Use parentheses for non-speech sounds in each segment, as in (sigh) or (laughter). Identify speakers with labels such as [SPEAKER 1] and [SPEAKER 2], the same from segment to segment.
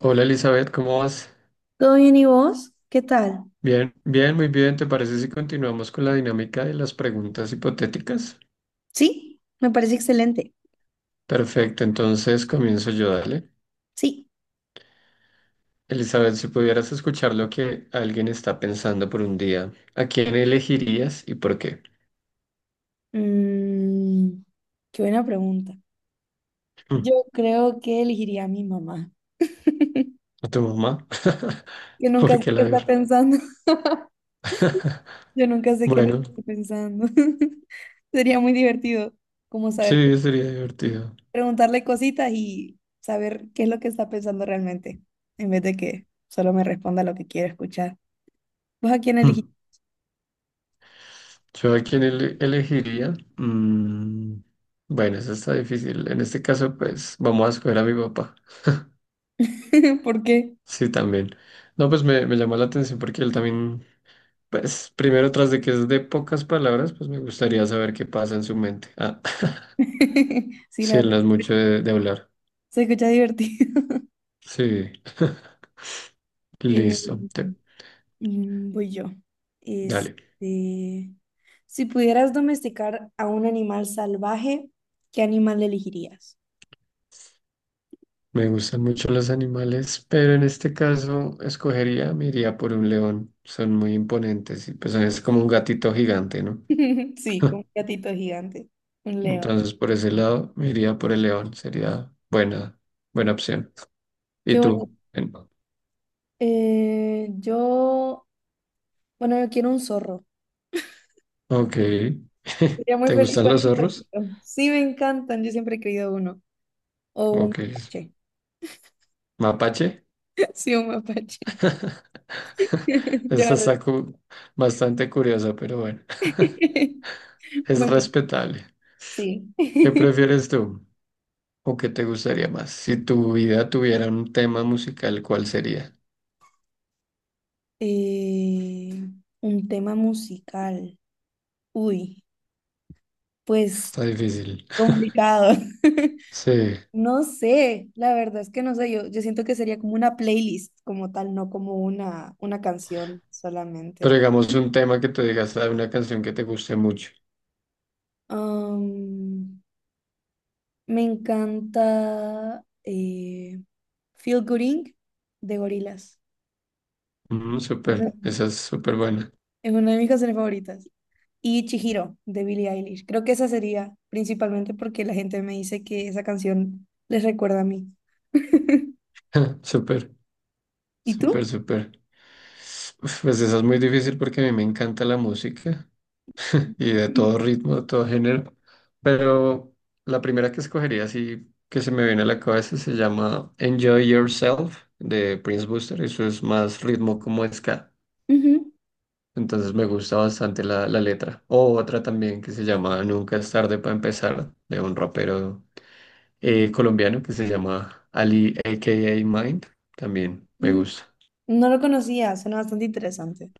[SPEAKER 1] Hola Elizabeth, ¿cómo vas?
[SPEAKER 2] ¿Todo bien y vos? ¿Qué tal?
[SPEAKER 1] Bien, muy bien. ¿Te parece si continuamos con la dinámica de las preguntas hipotéticas?
[SPEAKER 2] Sí, me parece excelente.
[SPEAKER 1] Perfecto, entonces comienzo yo, dale.
[SPEAKER 2] Sí.
[SPEAKER 1] Elizabeth, si pudieras escuchar lo que alguien está pensando por un día, ¿a quién elegirías y por qué?
[SPEAKER 2] Mm, qué buena pregunta.
[SPEAKER 1] Mm.
[SPEAKER 2] Yo creo que elegiría a mi mamá. (laughs)
[SPEAKER 1] ¿A tu mamá? (laughs)
[SPEAKER 2] Yo nunca
[SPEAKER 1] ¿Por
[SPEAKER 2] sé
[SPEAKER 1] qué la
[SPEAKER 2] qué está
[SPEAKER 1] verdad?
[SPEAKER 2] pensando. (laughs)
[SPEAKER 1] (laughs)
[SPEAKER 2] Yo nunca sé qué le
[SPEAKER 1] Bueno,
[SPEAKER 2] estoy pensando. (laughs) Sería muy divertido como saber,
[SPEAKER 1] sí, sería divertido.
[SPEAKER 2] preguntarle cositas y saber qué es lo que está pensando realmente, en vez de que solo me responda lo que quiero escuchar. ¿Vos a quién elegís?
[SPEAKER 1] Mm, ¿yo a quién elegiría? Bueno, eso está difícil. En este caso, pues vamos a escoger a mi papá.
[SPEAKER 2] (laughs) ¿Por qué?
[SPEAKER 1] Sí, también. No, pues me llamó la atención porque él también, pues primero tras de que es de pocas palabras, pues me gustaría saber qué pasa en su mente. Ah,
[SPEAKER 2] (laughs)
[SPEAKER 1] (laughs)
[SPEAKER 2] Sí, la
[SPEAKER 1] sí, él
[SPEAKER 2] verdad,
[SPEAKER 1] no es mucho de hablar.
[SPEAKER 2] se escucha divertido.
[SPEAKER 1] Sí, (laughs)
[SPEAKER 2] Eh,
[SPEAKER 1] listo.
[SPEAKER 2] voy yo.
[SPEAKER 1] Dale.
[SPEAKER 2] Este, si pudieras domesticar a un animal salvaje, ¿qué animal elegirías?
[SPEAKER 1] Me gustan mucho los animales, pero en este caso escogería, me iría por un león. Son muy imponentes y pues es como un gatito gigante, ¿no?
[SPEAKER 2] (laughs) Sí, como un
[SPEAKER 1] (laughs)
[SPEAKER 2] gatito gigante, un león.
[SPEAKER 1] Entonces por ese lado me iría por el león. Buena opción. ¿Y
[SPEAKER 2] Qué bonito.
[SPEAKER 1] tú?
[SPEAKER 2] Eh, yo, bueno, yo quiero un zorro.
[SPEAKER 1] Ok.
[SPEAKER 2] Sería
[SPEAKER 1] (laughs)
[SPEAKER 2] muy
[SPEAKER 1] ¿Te
[SPEAKER 2] feliz
[SPEAKER 1] gustan
[SPEAKER 2] con
[SPEAKER 1] los
[SPEAKER 2] un
[SPEAKER 1] zorros?
[SPEAKER 2] zorrito. Sí, me encantan. Yo siempre he querido uno. O un
[SPEAKER 1] Ok.
[SPEAKER 2] mapache.
[SPEAKER 1] ¿Mapache?
[SPEAKER 2] (laughs) Sí, un mapache.
[SPEAKER 1] (laughs)
[SPEAKER 2] (laughs) Yo
[SPEAKER 1] Esa
[SPEAKER 2] arre.
[SPEAKER 1] está cu- bastante curiosa, pero bueno,
[SPEAKER 2] (laughs)
[SPEAKER 1] (laughs) es
[SPEAKER 2] Bueno,
[SPEAKER 1] respetable.
[SPEAKER 2] sí.
[SPEAKER 1] ¿Qué
[SPEAKER 2] (laughs)
[SPEAKER 1] prefieres tú? ¿O qué te gustaría más? Si tu vida tuviera un tema musical, ¿cuál sería?
[SPEAKER 2] Eh, un tema musical. Uy, pues
[SPEAKER 1] Está difícil.
[SPEAKER 2] complicado. (laughs)
[SPEAKER 1] Sí,
[SPEAKER 2] No sé, la verdad es que no sé, yo siento que sería como una playlist como tal, no como una canción
[SPEAKER 1] pero
[SPEAKER 2] solamente.
[SPEAKER 1] digamos un tema que tú digas de una canción que te guste mucho.
[SPEAKER 2] Am, me encanta Feel Good Inc. de Gorillaz.
[SPEAKER 1] Mm,
[SPEAKER 2] Es,
[SPEAKER 1] súper,
[SPEAKER 2] un-
[SPEAKER 1] esa es súper buena.
[SPEAKER 2] es una de mis canciones favoritas. Y Chihiro de Billie Eilish. Creo que esa sería principalmente porque la gente me dice que esa canción les recuerda a mí. (laughs)
[SPEAKER 1] (laughs) Súper,
[SPEAKER 2] ¿Y tú?
[SPEAKER 1] súper. Uf, pues esa es muy difícil porque a mí me encanta la música y de todo ritmo, de todo género. Pero la primera que escogería, así que se me viene a la cabeza, se llama Enjoy Yourself de Prince Buster. Eso es más ritmo como ska.
[SPEAKER 2] Ujú.
[SPEAKER 1] Entonces me gusta bastante la letra. O otra también que se llama Nunca es tarde para empezar, de un rapero colombiano que se llama Ali, a.k.a. Mind. También me
[SPEAKER 2] Mm,
[SPEAKER 1] gusta.
[SPEAKER 2] No lo conocía, suena bastante interesante.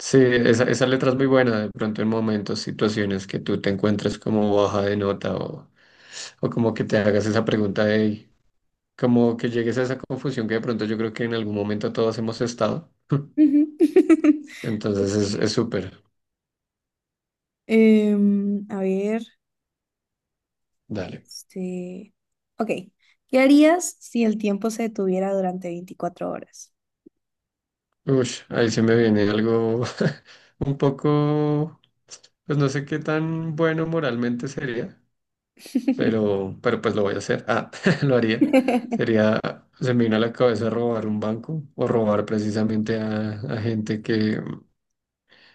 [SPEAKER 1] Sí, esa letra es muy buena. De pronto en momentos, situaciones que tú te encuentres como baja de nota o como que te hagas esa pregunta de, como que llegues a esa confusión que de pronto yo creo que en algún momento todos hemos estado. (laughs)
[SPEAKER 2] Ujú. (laughs)
[SPEAKER 1] Entonces es súper.
[SPEAKER 2] A ver,
[SPEAKER 1] Dale.
[SPEAKER 2] este... Ok, ¿qué harías si el tiempo se detuviera durante 24 horas?
[SPEAKER 1] Uy, ahí se me viene algo (laughs) un poco, pues no sé qué tan bueno moralmente sería,
[SPEAKER 2] (laughs)
[SPEAKER 1] pero pues lo voy a hacer. Ah, (laughs) lo haría. Sería, se me vino a la cabeza robar un banco o robar precisamente a gente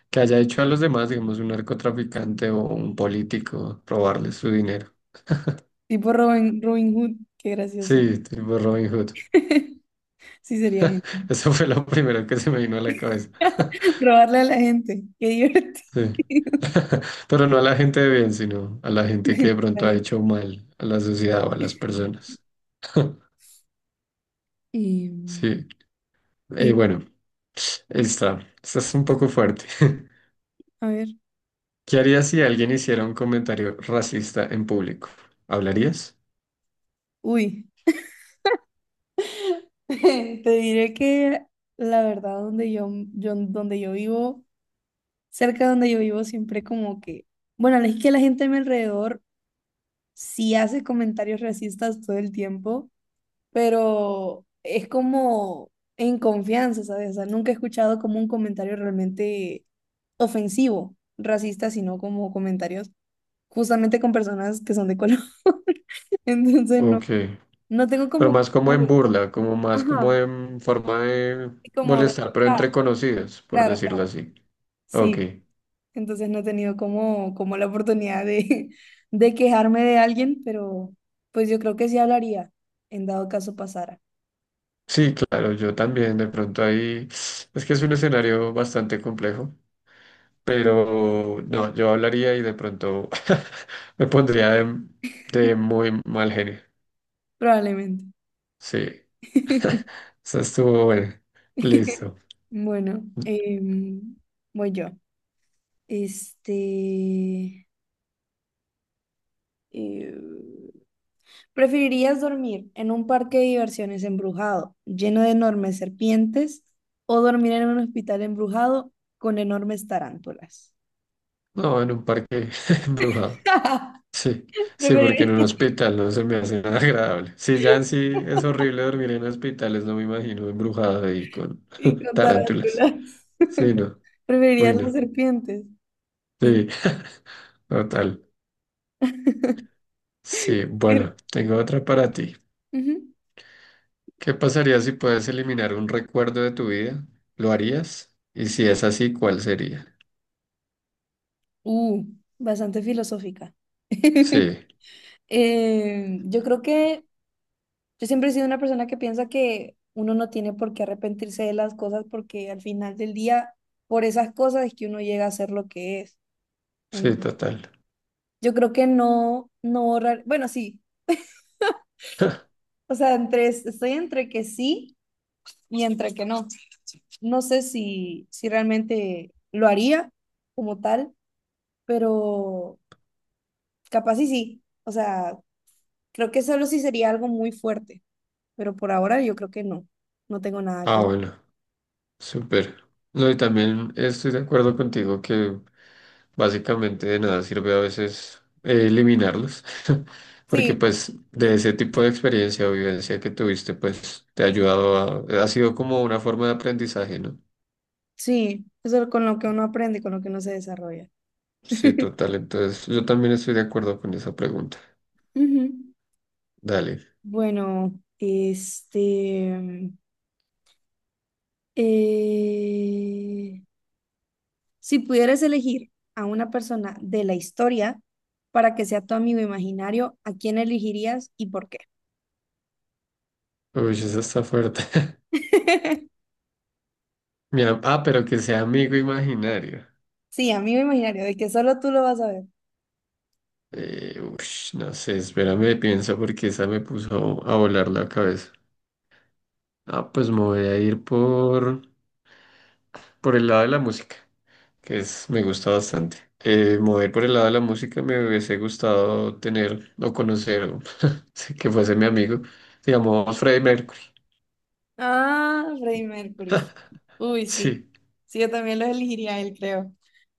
[SPEAKER 1] que haya hecho a los demás, digamos, un narcotraficante o un político, robarles su dinero.
[SPEAKER 2] Tipo Robin Hood, qué gracioso.
[SPEAKER 1] Sí, tipo Robin Hood.
[SPEAKER 2] (laughs) Sí sería genial.
[SPEAKER 1] (laughs) Eso fue lo primero que se me vino a la cabeza. (laughs)
[SPEAKER 2] (laughs) Robarle a la gente, qué divertido.
[SPEAKER 1] Sí. (laughs) Pero no a la gente de bien, sino a la gente que de pronto ha
[SPEAKER 2] (laughs)
[SPEAKER 1] hecho mal a la sociedad o a las personas. (laughs)
[SPEAKER 2] Em,
[SPEAKER 1] Sí.
[SPEAKER 2] sí,
[SPEAKER 1] Bueno, esta es un poco fuerte. (laughs)
[SPEAKER 2] a ver,
[SPEAKER 1] ¿Qué harías si alguien hiciera un comentario racista en público? ¿Hablarías?
[SPEAKER 2] uy. (laughs) Te diré que la verdad yo donde yo vivo, cerca de donde yo vivo, siempre como que, bueno, es que la gente a mi alrededor sí hace comentarios racistas todo el tiempo, pero es como en confianza, ¿sabes? O sea, nunca he escuchado como un comentario realmente ofensivo, racista, sino como comentarios justamente con personas que son de color. (laughs) Entonces no,
[SPEAKER 1] Ok.
[SPEAKER 2] no tengo
[SPEAKER 1] Pero
[SPEAKER 2] como,
[SPEAKER 1] más como en
[SPEAKER 2] costumbre.
[SPEAKER 1] burla, como más como
[SPEAKER 2] Ajá,
[SPEAKER 1] en forma de
[SPEAKER 2] y como,
[SPEAKER 1] molestar, pero
[SPEAKER 2] ah,
[SPEAKER 1] entre conocidos, por
[SPEAKER 2] claro,
[SPEAKER 1] decirlo
[SPEAKER 2] claro.
[SPEAKER 1] así. Ok.
[SPEAKER 2] Sí, entonces no he tenido como, la oportunidad de, (laughs) de quejarme de alguien, pero pues yo creo que sí hablaría, en dado caso pasara,
[SPEAKER 1] Sí, claro, yo también de pronto ahí, es que es un escenario bastante complejo, pero no, yo hablaría y de pronto (laughs) me pondría de muy mal genio.
[SPEAKER 2] probablemente.
[SPEAKER 1] Sí,
[SPEAKER 2] (laughs)
[SPEAKER 1] eso estuvo bueno. Listo.
[SPEAKER 2] Bueno, voy yo. Este, eh, ¿Preferirías dormir en un parque de diversiones embrujado, lleno de enormes serpientes, o dormir en un hospital embrujado con enormes tarántulas?
[SPEAKER 1] No, en un parque (laughs) embrujado.
[SPEAKER 2] (laughs)
[SPEAKER 1] Sí, sí, porque en un
[SPEAKER 2] Preferiría.
[SPEAKER 1] hospital no se me hace nada agradable. Sí, ya en sí es horrible dormir en hospitales, no me imagino embrujado ahí con
[SPEAKER 2] Y
[SPEAKER 1] (laughs)
[SPEAKER 2] con
[SPEAKER 1] tarántulas.
[SPEAKER 2] tarántulas.
[SPEAKER 1] Sí,
[SPEAKER 2] (laughs)
[SPEAKER 1] no,
[SPEAKER 2] Preferiría
[SPEAKER 1] uy,
[SPEAKER 2] las
[SPEAKER 1] no.
[SPEAKER 2] serpientes. Qué
[SPEAKER 1] Sí, (laughs) total. Sí,
[SPEAKER 2] increíble.
[SPEAKER 1] bueno, tengo otra para ti.
[SPEAKER 2] Ujú.
[SPEAKER 1] ¿Qué pasaría si puedes eliminar un recuerdo de tu vida? ¿Lo harías? Y si es así, ¿cuál sería?
[SPEAKER 2] Uh, bastante filosófica. (laughs)
[SPEAKER 1] Sí,
[SPEAKER 2] Yo creo que yo siempre he sido una persona que piensa que uno no tiene por qué arrepentirse de las cosas porque al final del día, por esas cosas es que uno llega a ser lo que es.
[SPEAKER 1] sí,
[SPEAKER 2] Entonces,
[SPEAKER 1] total.
[SPEAKER 2] yo creo que no, no borrar, bueno, sí,
[SPEAKER 1] (laughs)
[SPEAKER 2] o sea, estoy entre que sí y entre que no. No sé si realmente lo haría como tal pero capaz y sí. O sea, creo que solo sí sería algo muy fuerte, pero por ahora yo creo que no. No tengo nada
[SPEAKER 1] Ah,
[SPEAKER 2] que...
[SPEAKER 1] bueno, súper. No, y también estoy de acuerdo contigo que básicamente de nada sirve a veces eliminarlos, (laughs) porque
[SPEAKER 2] Sí,
[SPEAKER 1] pues de ese tipo de experiencia o vivencia que tuviste, pues te ha ayudado ha sido como una forma de aprendizaje, ¿no?
[SPEAKER 2] sí, eso es con lo que uno aprende, con lo que uno se desarrolla.
[SPEAKER 1] Sí,
[SPEAKER 2] (laughs)
[SPEAKER 1] total. Entonces, yo también estoy de acuerdo con esa pregunta.
[SPEAKER 2] Ujú.
[SPEAKER 1] Dale.
[SPEAKER 2] Bueno, eh, si pudieras elegir a una persona de la historia para que sea tu amigo imaginario, ¿a quién elegirías y por qué?
[SPEAKER 1] Uy, eso está fuerte. (laughs)
[SPEAKER 2] (laughs)
[SPEAKER 1] Pero que sea amigo imaginario.
[SPEAKER 2] Sí, amigo imaginario, de que solo tú lo vas a ver.
[SPEAKER 1] Ush, no sé, espérame, pienso porque esa me puso a volar la cabeza. Ah, pues me voy a ir por el lado de la música, que me gusta bastante. Me voy a ir por el lado de la música, me hubiese gustado tener o conocer, o (laughs) sí, que fuese mi amigo, digamos, Freddie Mercury.
[SPEAKER 2] Ah, Freddie Mercury. Uy, sí.
[SPEAKER 1] Sí,
[SPEAKER 2] Sí, yo también lo elegiría a él, creo. (laughs)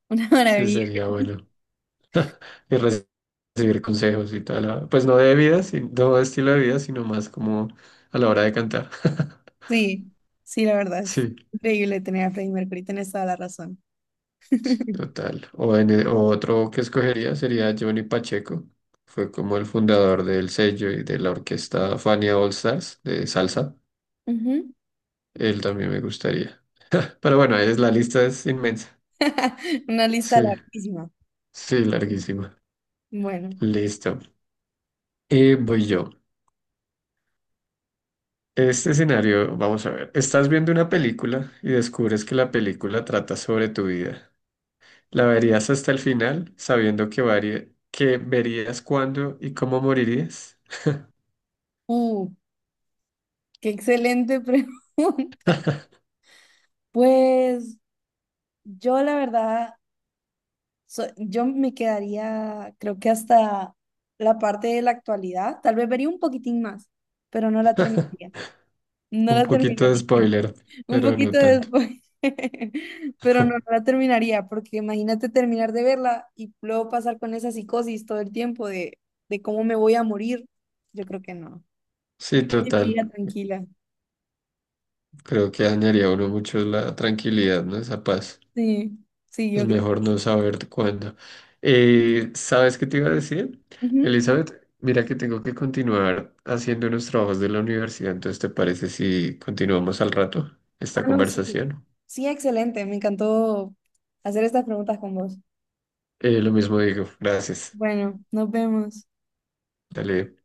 [SPEAKER 2] Una
[SPEAKER 1] sí,
[SPEAKER 2] maravilla.
[SPEAKER 1] sería bueno. Y recibir consejos y toda la, pues no de vida, no de estilo de vida, sino más como a la hora de cantar. (laughs)
[SPEAKER 2] Sí, sí, la verdad es
[SPEAKER 1] Sí,
[SPEAKER 2] increíble tener a Freddie Mercury. Tienes toda la razón.
[SPEAKER 1] total. O otro que escogería sería Johnny Pacheco. Fue como el fundador del sello y de la orquesta Fania All Stars de salsa.
[SPEAKER 2] Ujú.
[SPEAKER 1] Él también me gustaría. Pero bueno, la lista es inmensa.
[SPEAKER 2] (laughs) Una lista
[SPEAKER 1] Sí,
[SPEAKER 2] larguísima.
[SPEAKER 1] sí, larguísima.
[SPEAKER 2] Bueno.
[SPEAKER 1] Listo. Y voy yo. Este escenario, vamos a ver. Estás viendo una película y descubres que la película trata sobre tu vida. ¿La verías hasta el final, sabiendo que verías cuándo y cómo morirías?
[SPEAKER 2] Uh, qué excelente (laughs) pregunta. Pues yo la verdad, yo me quedaría, creo que hasta la parte de la actualidad. Tal vez vería un poquitín más, pero no la terminaría. No
[SPEAKER 1] Un
[SPEAKER 2] la
[SPEAKER 1] poquito de
[SPEAKER 2] terminaría.
[SPEAKER 1] spoiler,
[SPEAKER 2] Un
[SPEAKER 1] pero no
[SPEAKER 2] poquito
[SPEAKER 1] tanto.
[SPEAKER 2] después, (laughs) pero no, no
[SPEAKER 1] (laughs)
[SPEAKER 2] la terminaría, porque imagínate terminar de verla y luego pasar con esa psicosis todo el tiempo de cómo me voy a morir. Yo creo que no.
[SPEAKER 1] Sí, total.
[SPEAKER 2] Seguiría tranquila.
[SPEAKER 1] Creo que dañaría a uno mucho la tranquilidad, ¿no? Esa paz.
[SPEAKER 2] Sí, sí,
[SPEAKER 1] Es
[SPEAKER 2] yo creo que
[SPEAKER 1] mejor no
[SPEAKER 2] sí.
[SPEAKER 1] saber cuándo. ¿Sabes qué te iba a decir?
[SPEAKER 2] Ujú.
[SPEAKER 1] Elizabeth, mira que tengo que continuar haciendo unos trabajos de la universidad, entonces ¿te parece si continuamos al rato
[SPEAKER 2] Ah,
[SPEAKER 1] esta
[SPEAKER 2] no, sí.
[SPEAKER 1] conversación?
[SPEAKER 2] Sí, excelente. Me encantó hacer estas preguntas con vos.
[SPEAKER 1] Lo mismo digo, gracias.
[SPEAKER 2] Bueno, nos vemos.
[SPEAKER 1] Dale.